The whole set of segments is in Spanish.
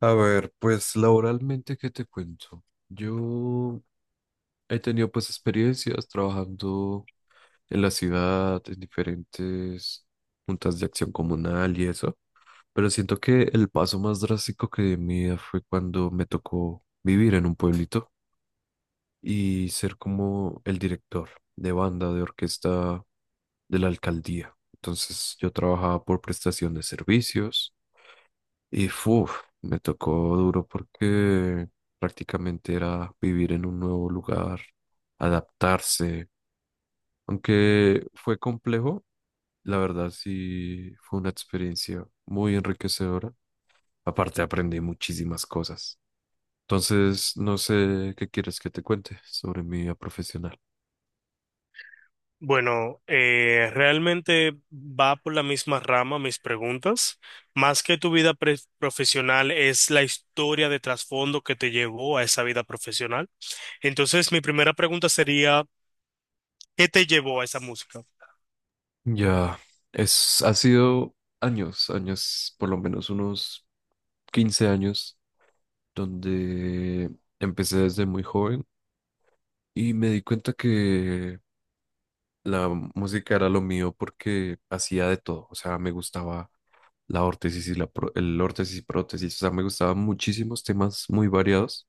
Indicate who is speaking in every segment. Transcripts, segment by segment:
Speaker 1: A ver, pues laboralmente, ¿qué te cuento? Yo he tenido pues experiencias trabajando en la ciudad, en diferentes juntas de acción comunal y eso, pero siento que el paso más drástico que di en mi vida fue cuando me tocó vivir en un pueblito y ser como el director de banda, de orquesta de la alcaldía. Entonces yo trabajaba por prestación de servicios. Y uf, me tocó duro porque prácticamente era vivir en un nuevo lugar, adaptarse. Aunque fue complejo, la verdad sí fue una experiencia muy enriquecedora. Aparte aprendí muchísimas cosas. Entonces, no sé qué quieres que te cuente sobre mi vida profesional.
Speaker 2: Bueno, realmente va por la misma rama mis preguntas. Más que tu vida profesional es la historia de trasfondo que te llevó a esa vida profesional. Entonces, mi primera pregunta sería, ¿qué te llevó a esa música?
Speaker 1: Ya, ha sido años, años, por lo menos unos 15 años, donde empecé desde muy joven. Y me di cuenta que la música era lo mío porque hacía de todo. O sea, me gustaba la órtesis y el órtesis y prótesis. O sea, me gustaban muchísimos temas muy variados,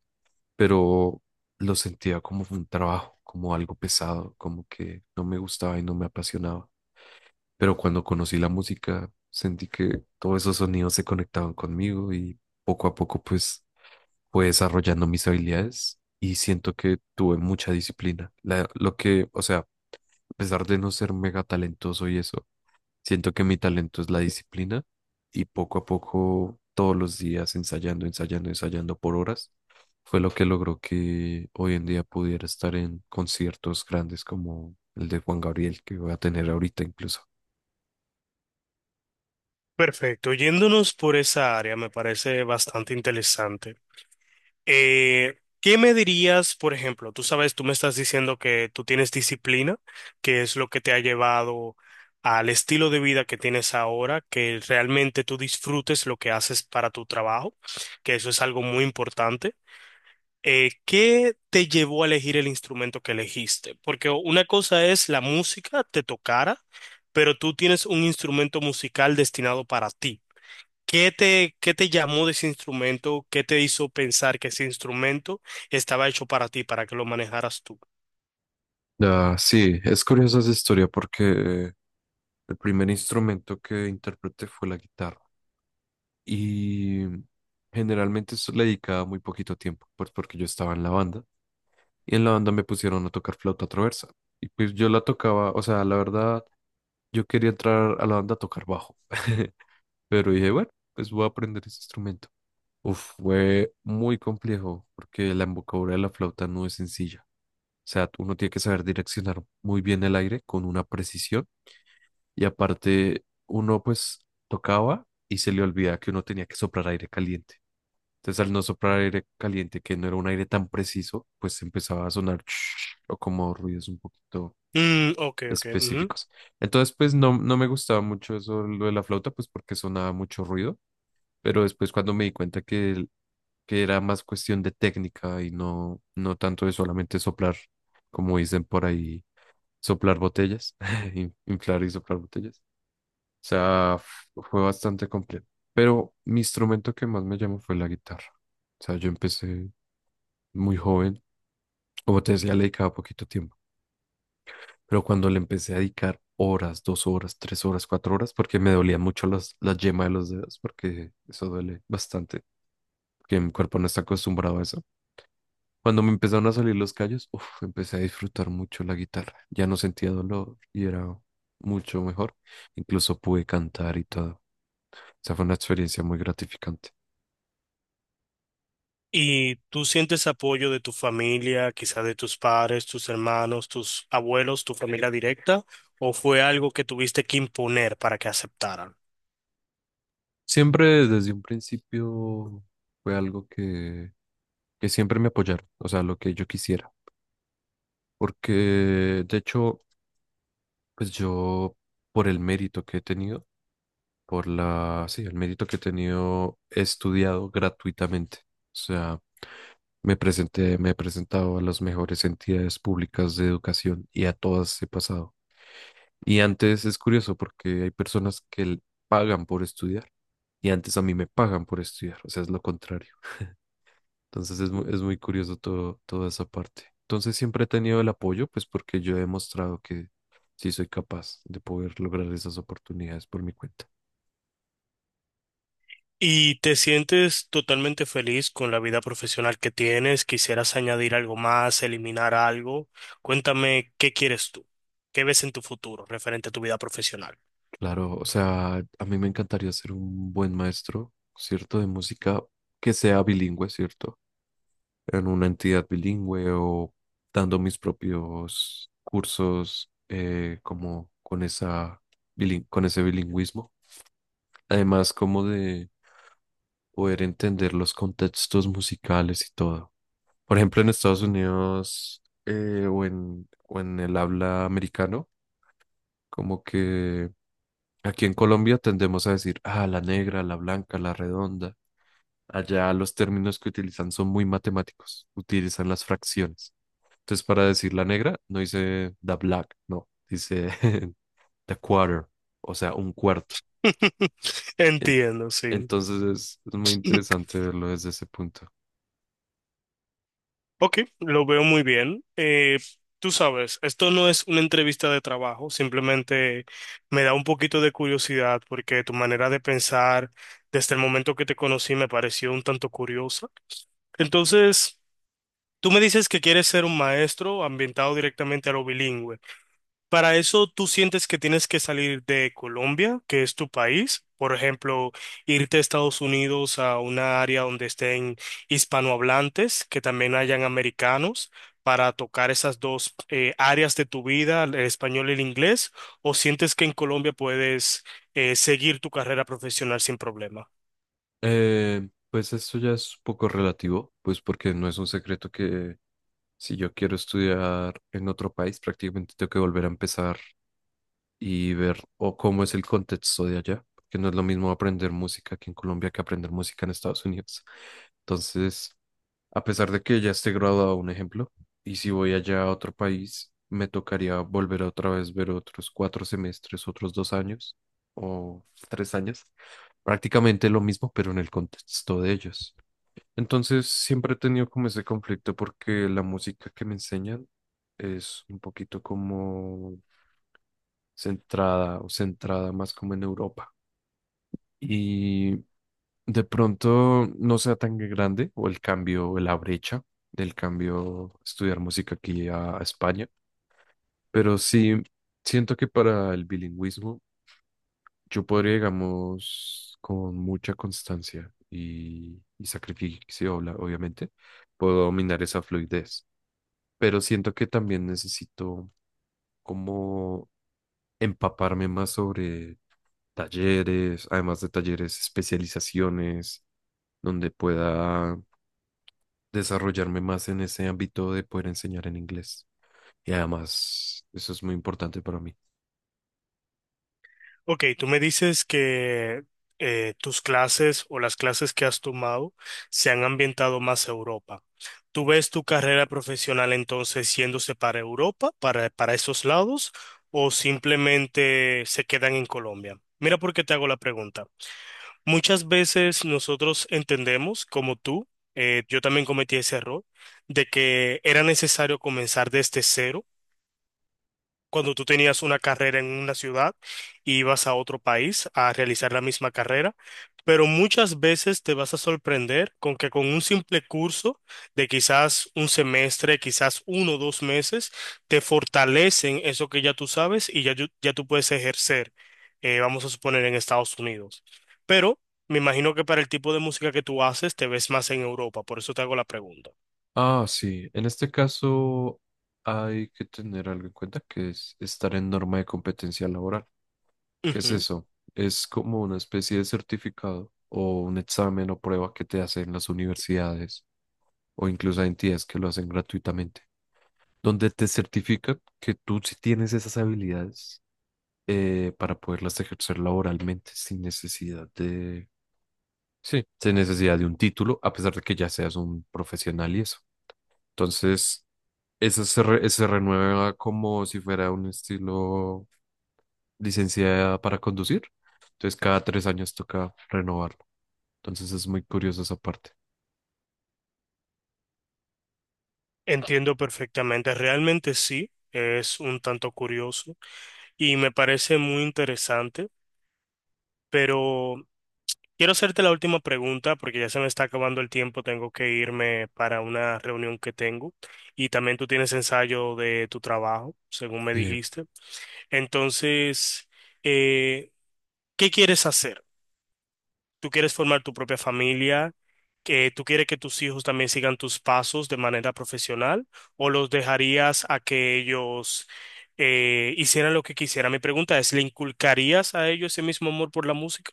Speaker 1: pero lo sentía como un trabajo, como algo pesado, como que no me gustaba y no me apasionaba. Pero cuando conocí la música, sentí que todos esos sonidos se conectaban conmigo y poco a poco pues fue desarrollando mis habilidades y siento que tuve mucha disciplina. Lo que, o sea, a pesar de no ser mega talentoso y eso, siento que mi talento es la disciplina y poco a poco, todos los días ensayando, ensayando, ensayando por horas, fue lo que logró que hoy en día pudiera estar en conciertos grandes como el de Juan Gabriel que voy a tener ahorita incluso.
Speaker 2: Perfecto, yéndonos por esa área me parece bastante interesante. ¿Qué me dirías, por ejemplo? Tú sabes, tú me estás diciendo que tú tienes disciplina, que es lo que te ha llevado al estilo de vida que tienes ahora, que realmente tú disfrutes lo que haces para tu trabajo, que eso es algo muy importante. ¿Qué te llevó a elegir el instrumento que elegiste? Porque una cosa es la música, te tocara, pero tú tienes un instrumento musical destinado para ti. Qué te llamó de ese instrumento? ¿Qué te hizo pensar que ese instrumento estaba hecho para ti, para que lo manejaras tú?
Speaker 1: Ah, sí, es curiosa esa historia porque eh, el primer instrumento que interpreté fue la guitarra y generalmente eso le dedicaba muy poquito tiempo, pues porque yo estaba en la banda. Y en la banda me pusieron a tocar flauta traversa. Y pues yo la tocaba, o sea, la verdad, yo quería entrar a la banda a tocar bajo, pero dije, bueno, pues voy a aprender ese instrumento. Uf, fue muy complejo porque la embocadura de la flauta no es sencilla. O sea, uno tiene que saber direccionar muy bien el aire con una precisión y aparte uno pues tocaba y se le olvidaba que uno tenía que soplar aire caliente. Entonces, al no soplar aire caliente, que no era un aire tan preciso, pues empezaba a sonar o como ruidos un poquito
Speaker 2: Mm, ok, ok. Ujú.
Speaker 1: específicos. Entonces, pues no, no me gustaba mucho eso, lo de la flauta, pues porque sonaba mucho ruido, pero después cuando me di cuenta que, que era más cuestión de técnica y no, no tanto de solamente soplar, como dicen por ahí, soplar botellas, inflar y soplar botellas. O sea, fue bastante complejo. Pero mi instrumento que más me llamó fue la guitarra. O sea, yo empecé muy joven. Como te decía, le dedicaba poquito tiempo. Pero cuando le empecé a dedicar horas, 2 horas, 3 horas, 4 horas, porque me dolía mucho las, la yema de los dedos, porque eso duele bastante, que mi cuerpo no está acostumbrado a eso. Cuando me empezaron a salir los callos, uf, empecé a disfrutar mucho la guitarra. Ya no sentía dolor y era mucho mejor. Incluso pude cantar y todo. O sea, fue una experiencia muy gratificante.
Speaker 2: ¿Y tú sientes apoyo de tu familia, quizás de tus padres, tus hermanos, tus abuelos, tu familia directa? ¿O fue algo que tuviste que imponer para que aceptaran?
Speaker 1: Siempre desde un principio fue algo que siempre me apoyaron, o sea, lo que yo quisiera. Porque, de hecho, pues yo, por el mérito que he tenido, por la, sí, el mérito que he tenido, he estudiado gratuitamente. O sea, me presenté, me he presentado a las mejores entidades públicas de educación y a todas he pasado. Y antes es curioso porque hay personas que pagan por estudiar y antes a mí me pagan por estudiar. O sea, es lo contrario. Entonces es muy curioso todo, toda esa parte. Entonces siempre he tenido el apoyo, pues porque yo he demostrado que sí soy capaz de poder lograr esas oportunidades por mi cuenta.
Speaker 2: ¿Y te sientes totalmente feliz con la vida profesional que tienes? ¿Quisieras añadir algo más, eliminar algo? Cuéntame, ¿qué quieres tú? ¿Qué ves en tu futuro referente a tu vida profesional?
Speaker 1: Claro, o sea, a mí me encantaría ser un buen maestro, ¿cierto? De música que sea bilingüe, ¿cierto? En una entidad bilingüe o dando mis propios cursos como con esa, con ese bilingüismo. Además, como de poder entender los contextos musicales y todo. Por ejemplo, en Estados Unidos o en, el habla americano, como que aquí en Colombia tendemos a decir, ah, la negra, la blanca, la redonda. Allá los términos que utilizan son muy matemáticos, utilizan las fracciones. Entonces, para decir la negra, no dice the black, no, dice the quarter, o sea, un cuarto. En-
Speaker 2: Entiendo, sí.
Speaker 1: Entonces es muy interesante verlo desde ese punto.
Speaker 2: Ok, lo veo muy bien. Tú sabes, esto no es una entrevista de trabajo, simplemente me da un poquito de curiosidad porque tu manera de pensar desde el momento que te conocí me pareció un tanto curiosa. Entonces... Tú me dices que quieres ser un maestro ambientado directamente a lo bilingüe. Para eso, ¿tú sientes que tienes que salir de Colombia, que es tu país? Por ejemplo, irte a Estados Unidos a una área donde estén hispanohablantes, que también hayan americanos, para tocar esas dos áreas de tu vida, el español y el inglés, ¿o sientes que en Colombia puedes seguir tu carrera profesional sin problema?
Speaker 1: Pues esto ya es un poco relativo, pues porque no es un secreto que si yo quiero estudiar en otro país, prácticamente tengo que volver a empezar y ver o cómo es el contexto de allá, porque no es lo mismo aprender música aquí en Colombia que aprender música en Estados Unidos. Entonces, a pesar de que ya esté graduado, un ejemplo, y si voy allá a otro país, me tocaría volver otra vez ver otros 4 semestres, otros 2 años o 3 años, prácticamente lo mismo, pero en el contexto de ellos. Entonces siempre he tenido como ese conflicto porque la música que me enseñan es un poquito como centrada o centrada más como en Europa. Y de pronto no sea tan grande o el cambio, o la brecha del cambio estudiar música aquí a España, pero sí siento que para el bilingüismo yo podría, digamos, con mucha constancia y sacrificio, obviamente, puedo dominar esa fluidez. Pero siento que también necesito como empaparme más sobre talleres, además de talleres, especializaciones, donde pueda desarrollarme más en ese ámbito de poder enseñar en inglés. Y además, eso es muy importante para mí.
Speaker 2: Ok, tú me dices que tus clases o las clases que has tomado se han ambientado más a Europa. ¿Tú ves tu carrera profesional entonces yéndose para Europa, para esos lados, o simplemente se quedan en Colombia? Mira por qué te hago la pregunta. Muchas veces nosotros entendemos, como tú, yo también cometí ese error, de que era necesario comenzar desde cero cuando tú tenías una carrera en una ciudad y ibas a otro país a realizar la misma carrera, pero muchas veces te vas a sorprender con que con un simple curso de quizás un semestre, quizás uno o dos meses, te fortalecen eso que ya tú sabes y ya, ya tú puedes ejercer, vamos a suponer, en Estados Unidos. Pero me imagino que para el tipo de música que tú haces te ves más en Europa, por eso te hago la pregunta.
Speaker 1: Ah, sí, en este caso hay que tener algo en cuenta que es estar en norma de competencia laboral. ¿Qué es eso? Es como una especie de certificado o un examen o prueba que te hacen las universidades o incluso hay entidades que lo hacen gratuitamente, donde te certifican que tú sí tienes esas habilidades para poderlas ejercer laboralmente sin necesidad de, sí, sin necesidad de un título, a pesar de que ya seas un profesional y eso. Entonces, eso se renueva como si fuera un estilo licenciada para conducir. Entonces, cada 3 años toca renovarlo. Entonces, es muy curioso esa parte.
Speaker 2: Entiendo perfectamente, realmente sí, es un tanto curioso y me parece muy interesante, pero quiero hacerte la última pregunta porque ya se me está acabando el tiempo, tengo que irme para una reunión que tengo y también tú tienes ensayo de tu trabajo, según me
Speaker 1: Sí,
Speaker 2: dijiste. Entonces, eh, ¿qué quieres hacer? ¿Tú quieres formar tu propia familia? ¿Que tú quieres que tus hijos también sigan tus pasos de manera profesional o los dejarías a que ellos hicieran lo que quisieran? Mi pregunta es, ¿le inculcarías a ellos ese mismo amor por la música?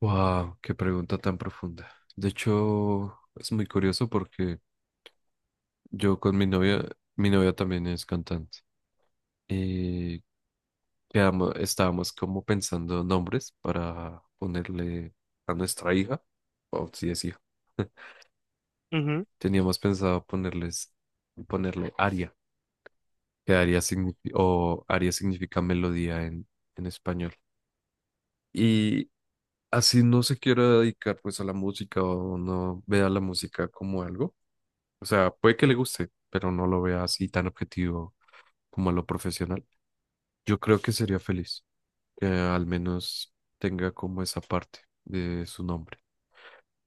Speaker 1: wow, qué pregunta tan profunda. De hecho, es muy curioso porque yo con mi novia también es cantante. Y quedamos, estábamos como pensando nombres para ponerle a nuestra hija, o si es hija.
Speaker 2: Ujú.
Speaker 1: Teníamos pensado ponerles, ponerle aria, que aria significa, o aria significa melodía en español. Y así no se quiera dedicar pues a la música o no vea la música como algo. O sea, puede que le guste, pero no lo vea así tan objetivo como a lo profesional. Yo creo que sería feliz que al menos tenga como esa parte de su nombre.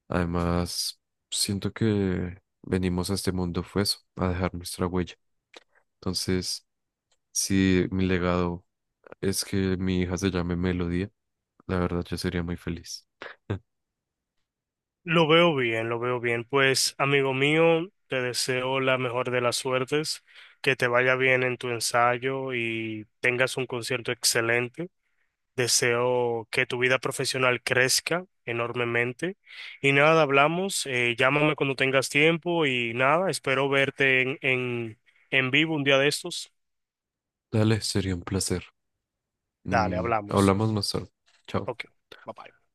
Speaker 1: Además, siento que venimos a este mundo fue eso, a dejar nuestra huella. Entonces, si mi legado es que mi hija se llame Melodía, la verdad yo sería muy feliz.
Speaker 2: Lo veo bien, lo veo bien. Pues, amigo mío, te deseo la mejor de las suertes, que te vaya bien en tu ensayo y tengas un concierto excelente. Deseo que tu vida profesional crezca enormemente. Y nada, hablamos. Llámame cuando tengas tiempo y nada, espero verte en vivo un día de estos.
Speaker 1: Dale, sería un placer.
Speaker 2: Dale, hablamos.
Speaker 1: Hablamos más tarde. Chao.
Speaker 2: Ok, bye bye.